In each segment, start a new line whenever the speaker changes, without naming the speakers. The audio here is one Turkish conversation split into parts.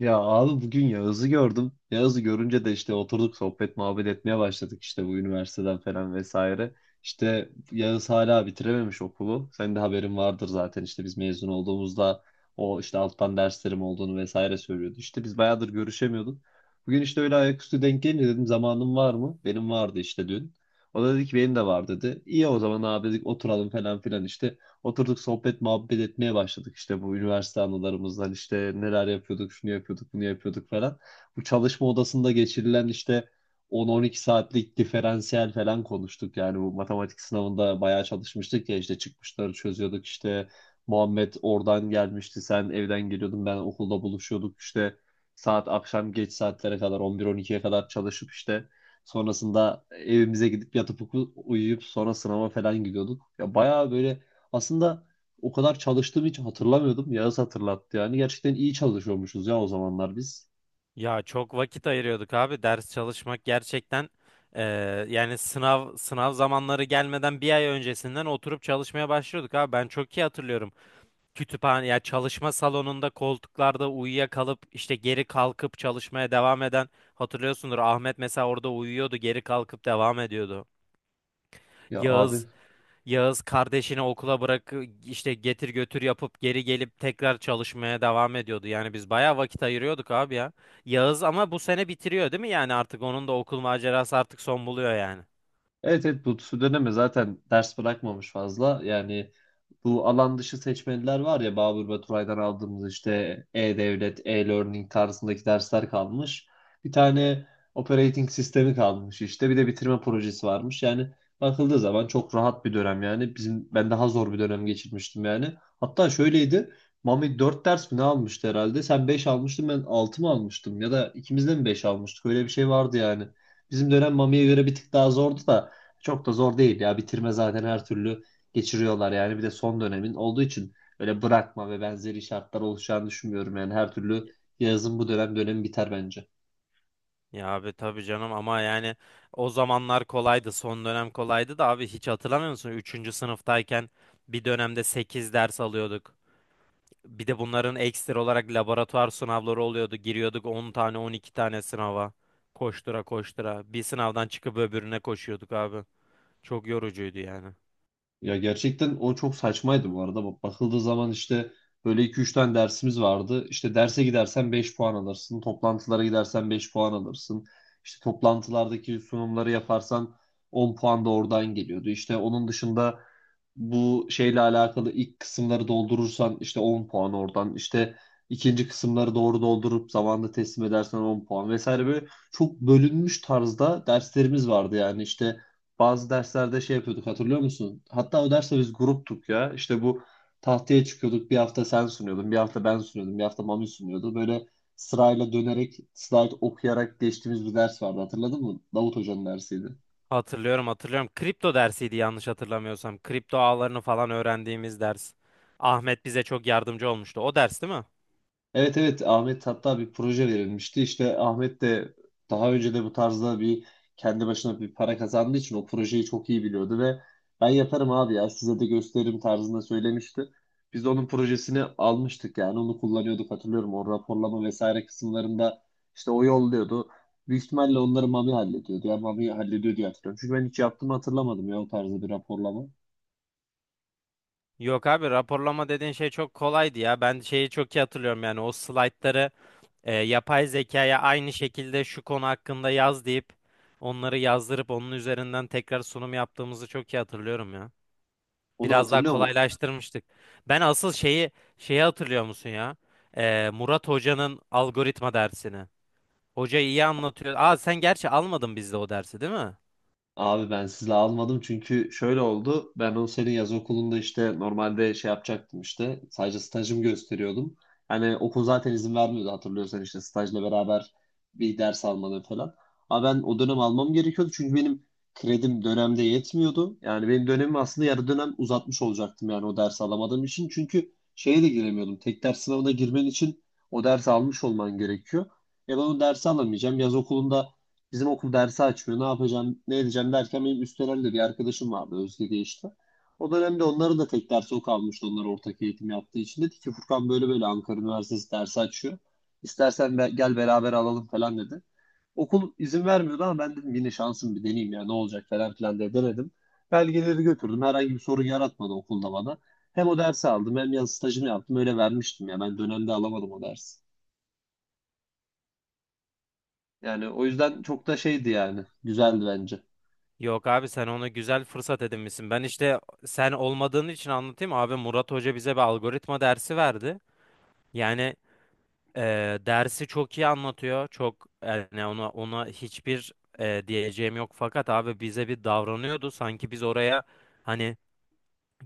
Ya abi bugün Yağız'ı gördüm. Yağız'ı görünce de işte oturduk sohbet muhabbet etmeye başladık işte bu üniversiteden falan vesaire. İşte Yağız hala bitirememiş okulu. Senin de haberin vardır zaten işte biz mezun olduğumuzda o işte alttan derslerim olduğunu vesaire söylüyordu. İşte biz bayağıdır görüşemiyorduk. Bugün işte öyle ayaküstü denk gelince dedim zamanın var mı? Benim vardı işte dün. O da dedi ki benim de var dedi. İyi o zaman abi dedik oturalım falan filan işte. Oturduk sohbet muhabbet etmeye başladık işte bu üniversite anılarımızdan işte neler yapıyorduk şunu yapıyorduk bunu yapıyorduk falan. Bu çalışma odasında geçirilen işte 10-12 saatlik diferansiyel falan konuştuk. Yani bu matematik sınavında bayağı çalışmıştık ya işte çıkmışları çözüyorduk işte Muhammed oradan gelmişti, sen evden geliyordun, ben okulda buluşuyorduk işte saat akşam geç saatlere kadar 11-12'ye kadar çalışıp işte sonrasında evimize gidip yatıp uyuyup sonra sınava falan gidiyorduk. Ya bayağı böyle aslında o kadar çalıştığımı hiç hatırlamıyordum. Yağız hatırlattı yani. Gerçekten iyi çalışıyormuşuz ya o zamanlar biz.
Ya çok vakit ayırıyorduk abi. Ders çalışmak gerçekten eee, yani sınav zamanları gelmeden bir ay öncesinden oturup çalışmaya başlıyorduk abi. Ben çok iyi hatırlıyorum. Kütüphane ya çalışma salonunda koltuklarda uyuyakalıp işte geri kalkıp çalışmaya devam eden hatırlıyorsundur. Ahmet mesela orada uyuyordu, geri kalkıp devam ediyordu.
Ya abi.
Yağız Yağız kardeşini okula bırak işte getir götür yapıp geri gelip tekrar çalışmaya devam ediyordu. Yani biz bayağı vakit ayırıyorduk abi ya. Yağız ama bu sene bitiriyor değil mi? Yani artık onun da okul macerası artık son buluyor yani.
Evet, evet, bu Südeneme zaten ders bırakmamış fazla. Yani bu alan dışı seçmeliler var ya, Babür Baturay'dan aldığımız işte e-devlet, e-learning tarzındaki dersler kalmış. Bir tane operating sistemi kalmış işte. Bir de bitirme projesi varmış. Yani bakıldığı zaman çok rahat bir dönem yani. Bizim ben daha zor bir dönem geçirmiştim yani. Hatta şöyleydi. Mami 4 ders mi ne almıştı herhalde? Sen 5 almıştın, ben 6 mı almıştım? Ya da ikimiz de mi 5 almıştık? Öyle bir şey vardı yani. Bizim dönem Mami'ye göre bir tık daha zordu da çok da zor değil ya. Bitirme zaten her türlü geçiriyorlar yani. Bir de son dönemin olduğu için öyle bırakma ve benzeri şartlar oluşacağını düşünmüyorum. Yani her türlü yazın bu dönem dönemi biter bence.
Ya abi tabii canım ama yani o zamanlar kolaydı. Son dönem kolaydı da abi hiç hatırlamıyor musun? Üçüncü sınıftayken bir dönemde 8 ders alıyorduk. Bir de bunların ekstra olarak laboratuvar sınavları oluyordu. Giriyorduk 10 tane 12 tane sınava. Koştura koştura. Bir sınavdan çıkıp öbürüne koşuyorduk abi. Çok yorucuydu yani.
Ya gerçekten o çok saçmaydı bu arada. Bak, bakıldığı zaman işte böyle iki üç tane dersimiz vardı. İşte derse gidersen 5 puan alırsın. Toplantılara gidersen 5 puan alırsın. İşte toplantılardaki sunumları yaparsan 10 puan da oradan geliyordu. İşte onun dışında bu şeyle alakalı ilk kısımları doldurursan işte 10 puan oradan. İşte ikinci kısımları doğru doldurup zamanında teslim edersen 10 puan vesaire, böyle çok bölünmüş tarzda derslerimiz vardı yani işte bazı derslerde şey yapıyorduk, hatırlıyor musun? Hatta o derste biz gruptuk ya. İşte bu tahtaya çıkıyorduk. Bir hafta sen sunuyordun, bir hafta ben sunuyordum, bir hafta Mami sunuyordu. Böyle sırayla dönerek, slide okuyarak geçtiğimiz bir ders vardı, hatırladın mı? Davut Hoca'nın dersiydi.
Hatırlıyorum hatırlıyorum. Kripto dersiydi yanlış hatırlamıyorsam. Kripto ağlarını falan öğrendiğimiz ders. Ahmet bize çok yardımcı olmuştu. O ders değil mi?
Evet, evet, Ahmet hatta bir proje verilmişti. İşte Ahmet de daha önce de bu tarzda bir kendi başına bir para kazandığı için o projeyi çok iyi biliyordu ve ben yaparım abi ya size de gösteririm tarzında söylemişti. Biz de onun projesini almıştık yani onu kullanıyorduk hatırlıyorum, o raporlama vesaire kısımlarında işte o yolluyordu. Büyük ihtimalle onları Mami hallediyordu ya, Mami hallediyor diye hatırlıyorum. Çünkü ben hiç yaptığımı hatırlamadım ya o tarzda bir raporlama.
Yok abi raporlama dediğin şey çok kolaydı ya. Ben şeyi çok iyi hatırlıyorum yani o slaytları yapay zekaya aynı şekilde şu konu hakkında yaz deyip onları yazdırıp onun üzerinden tekrar sunum yaptığımızı çok iyi hatırlıyorum ya.
Onu
Biraz daha
hatırlıyor mu?
kolaylaştırmıştık. Ben asıl şeyi hatırlıyor musun ya? Murat Hoca'nın algoritma dersini. Hoca iyi anlatıyor. Aa sen gerçi almadın bizde o dersi değil mi?
Abi ben sizle almadım çünkü şöyle oldu. Ben o senin yaz okulunda işte normalde şey yapacaktım işte. Sadece stajımı gösteriyordum. Hani okul zaten izin vermiyordu, hatırlıyorsan işte stajla beraber bir ders almanı falan. Ama ben o dönem almam gerekiyordu çünkü benim kredim dönemde yetmiyordu. Yani benim dönemimi aslında yarı dönem uzatmış olacaktım yani o dersi alamadığım için. Çünkü şeye de giremiyordum. Tek ders sınavına girmen için o dersi almış olman gerekiyor. Ya ben o dersi alamayacağım. Yaz okulunda bizim okul dersi açmıyor. Ne yapacağım, ne edeceğim derken benim Üsteler'de bir arkadaşım vardı Özge diye işte. O dönemde onların da tek dersi o kalmıştı. Onlar ortak eğitim yaptığı için. Dedi ki Furkan, böyle böyle Ankara Üniversitesi dersi açıyor. İstersen gel beraber alalım falan dedi. Okul izin vermiyordu ama ben dedim yine şansım, bir deneyeyim ya ne olacak falan filan diye denedim. Belgeleri götürdüm. Herhangi bir sorun yaratmadı okulda bana. Hem o dersi aldım hem yaz stajını yaptım. Öyle vermiştim ya. Ben dönemde alamadım o dersi. Yani o yüzden çok da şeydi yani. Güzeldi bence.
Yok abi sen ona güzel fırsat edinmişsin. Ben işte sen olmadığın için anlatayım. Abi Murat Hoca bize bir algoritma dersi verdi. Yani dersi çok iyi anlatıyor. Çok yani ona hiçbir diyeceğim yok fakat abi bize bir davranıyordu sanki biz oraya hani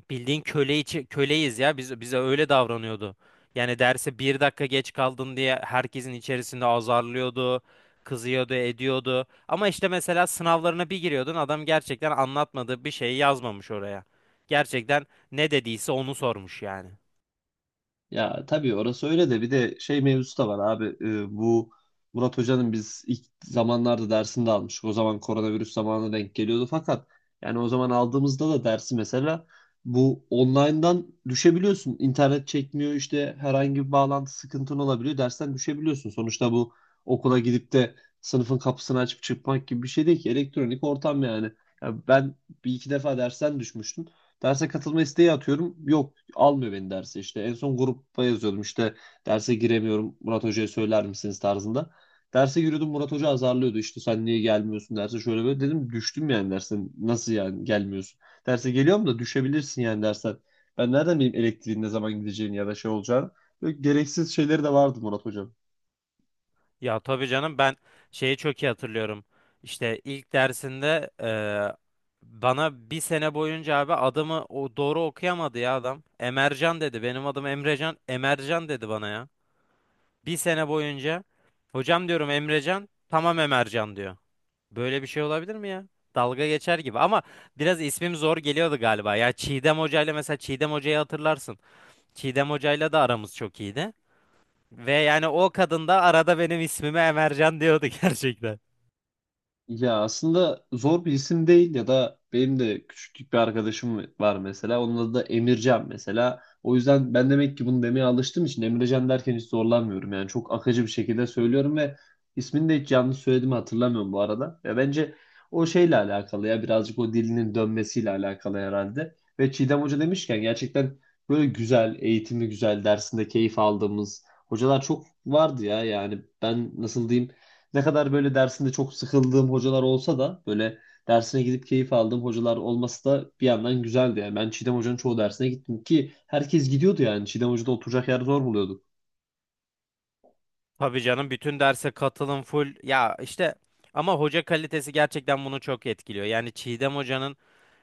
bildiğin köle içi, köleyiz ya biz bize öyle davranıyordu. Yani derse bir dakika geç kaldın diye herkesin içerisinde azarlıyordu, kızıyordu, ediyordu. Ama işte mesela sınavlarına bir giriyordun adam gerçekten anlatmadığı bir şeyi yazmamış oraya. Gerçekten ne dediyse onu sormuş yani.
Ya tabii orası öyle de bir de şey mevzusu da var abi. Bu Murat Hoca'nın biz ilk zamanlarda dersini de almıştık. O zaman koronavirüs zamanına denk geliyordu fakat yani o zaman aldığımızda da dersi mesela bu online'dan düşebiliyorsun. İnternet çekmiyor, işte herhangi bir bağlantı sıkıntın olabiliyor. Dersten düşebiliyorsun. Sonuçta bu okula gidip de sınıfın kapısını açıp çıkmak gibi bir şey değil ki. Elektronik ortam yani. Ya ben bir iki defa dersten düşmüştüm. Derse katılma isteği atıyorum. Yok, almıyor beni derse, işte en son grupta yazıyordum işte derse giremiyorum, Murat Hoca'ya söyler misiniz tarzında. Derse giriyordum, Murat Hoca azarlıyordu işte sen niye gelmiyorsun derse şöyle böyle, dedim düştüm yani, dersen nasıl yani gelmiyorsun. Derse geliyorum da düşebilirsin yani dersen. Ben nereden bileyim elektriğin ne zaman gideceğini ya da şey olacağını. Böyle gereksiz şeyleri de vardı Murat Hocam.
Ya tabii canım ben şeyi çok iyi hatırlıyorum. İşte ilk dersinde bana bir sene boyunca abi adımı o doğru okuyamadı ya adam. Emercan dedi. Benim adım Emrecan. Emercan dedi bana ya. Bir sene boyunca hocam diyorum Emrecan. Tamam Emercan diyor. Böyle bir şey olabilir mi ya? Dalga geçer gibi ama biraz ismim zor geliyordu galiba. Ya Çiğdem Hoca'yla mesela Çiğdem Hoca'yı hatırlarsın. Çiğdem Hoca'yla da aramız çok iyiydi. Ve yani o kadın da arada benim ismime Emercan diyordu gerçekten.
Ya aslında zor bir isim değil ya da benim de küçüklük bir arkadaşım var mesela. Onun adı da Emircan mesela. O yüzden ben demek ki bunu demeye alıştığım için Emircan derken hiç zorlanmıyorum. Yani çok akıcı bir şekilde söylüyorum ve ismini de hiç yanlış söylediğimi hatırlamıyorum bu arada. Ya bence o şeyle alakalı ya, birazcık o dilinin dönmesiyle alakalı herhalde. Ve Çiğdem Hoca demişken gerçekten böyle güzel, eğitimi güzel, dersinde keyif aldığımız hocalar çok vardı ya. Yani ben nasıl diyeyim, ne kadar böyle dersinde çok sıkıldığım hocalar olsa da böyle dersine gidip keyif aldığım hocalar olması da bir yandan güzeldi. Yani ben Çiğdem Hoca'nın çoğu dersine gittim ki herkes gidiyordu yani. Çiğdem Hoca'da oturacak yer zor buluyorduk.
Tabii canım bütün derse katılım full. Ya işte ama hoca kalitesi gerçekten bunu çok etkiliyor. Yani Çiğdem hocanın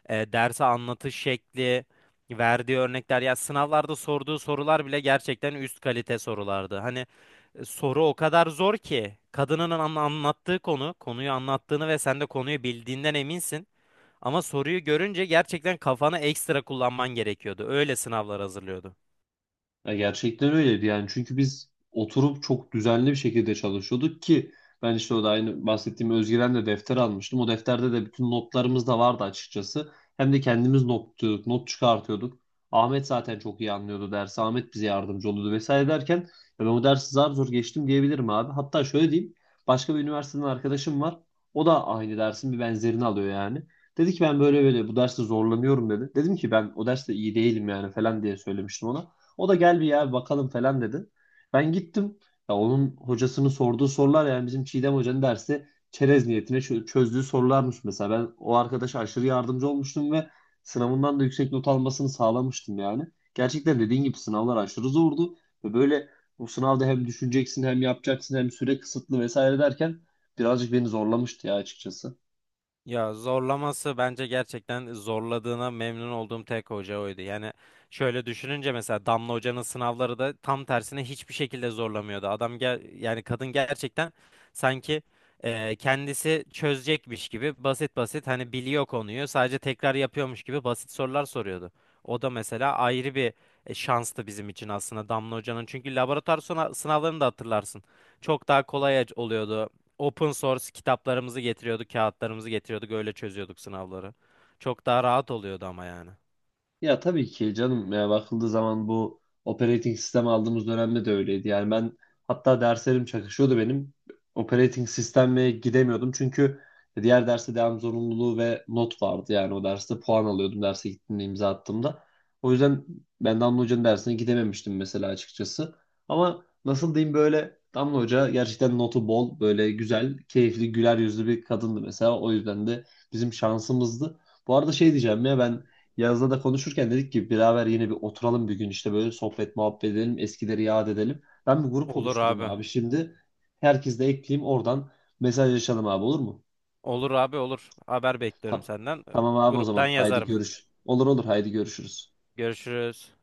derse anlatış şekli, verdiği örnekler ya sınavlarda sorduğu sorular bile gerçekten üst kalite sorulardı. Hani soru o kadar zor ki kadının anlattığı konu, konuyu anlattığını ve sen de konuyu bildiğinden eminsin. Ama soruyu görünce gerçekten kafanı ekstra kullanman gerekiyordu. Öyle sınavlar hazırlıyordu.
Ya gerçekten öyleydi yani, çünkü biz oturup çok düzenli bir şekilde çalışıyorduk ki ben işte o da aynı bahsettiğim Özgiren'le defter almıştım. O defterde de bütün notlarımız da vardı açıkçası. Hem de kendimiz not tutuyorduk, not çıkartıyorduk. Ahmet zaten çok iyi anlıyordu dersi. Ahmet bize yardımcı oluyordu vesaire derken ya ben o dersi zar zor geçtim diyebilirim abi. Hatta şöyle diyeyim. Başka bir üniversiteden arkadaşım var. O da aynı dersin bir benzerini alıyor yani. Dedi ki ben böyle böyle bu derste zorlanıyorum dedi. Dedim ki ben o derste iyi değilim yani falan diye söylemiştim ona. O da gel bir ya bakalım falan dedi. Ben gittim. Ya onun hocasının sorduğu sorular yani bizim Çiğdem Hoca'nın dersi çerez niyetine çözdüğü sorularmış mesela. Ben o arkadaşa aşırı yardımcı olmuştum ve sınavından da yüksek not almasını sağlamıştım yani. Gerçekten dediğin gibi sınavlar aşırı zordu ve böyle o sınavda hem düşüneceksin hem yapacaksın hem süre kısıtlı vesaire derken birazcık beni zorlamıştı ya açıkçası.
Ya zorlaması bence gerçekten zorladığına memnun olduğum tek hoca oydu. Yani şöyle düşününce mesela Damla Hoca'nın sınavları da tam tersine hiçbir şekilde zorlamıyordu. Adam gel yani kadın gerçekten sanki kendisi çözecekmiş gibi basit basit hani biliyor konuyu sadece tekrar yapıyormuş gibi basit sorular soruyordu. O da mesela ayrı bir şanstı bizim için aslında Damla Hoca'nın. Çünkü laboratuvar sınavlarını da hatırlarsın. Çok daha kolay oluyordu open source kitaplarımızı getiriyorduk, kağıtlarımızı getiriyorduk, öyle çözüyorduk sınavları. Çok daha rahat oluyordu ama yani.
Ya tabii ki canım, ya bakıldığı zaman bu operating sistem aldığımız dönemde de öyleydi. Yani ben hatta derslerim çakışıyordu benim. Operating sisteme gidemiyordum çünkü diğer derste devam zorunluluğu ve not vardı. Yani o derste puan alıyordum derse gittiğimde, imza attığımda. O yüzden ben Damla Hoca'nın dersine gidememiştim mesela açıkçası. Ama nasıl diyeyim, böyle Damla Hoca gerçekten notu bol, böyle güzel, keyifli, güler yüzlü bir kadındı mesela. O yüzden de bizim şansımızdı. Bu arada şey diyeceğim ya, ben Yaz'la da konuşurken dedik ki beraber yine bir oturalım bir gün işte, böyle sohbet muhabbet edelim, eskileri yad edelim. Ben bir grup
Olur
oluşturayım
abi.
abi şimdi, herkesi de ekleyeyim, oradan mesajlaşalım abi, olur mu?
Olur abi olur. Haber bekliyorum
Tamam,
senden.
tamam abi, o
Gruptan
zaman haydi
yazarım.
görüş. Olur, olur, haydi görüşürüz.
Görüşürüz.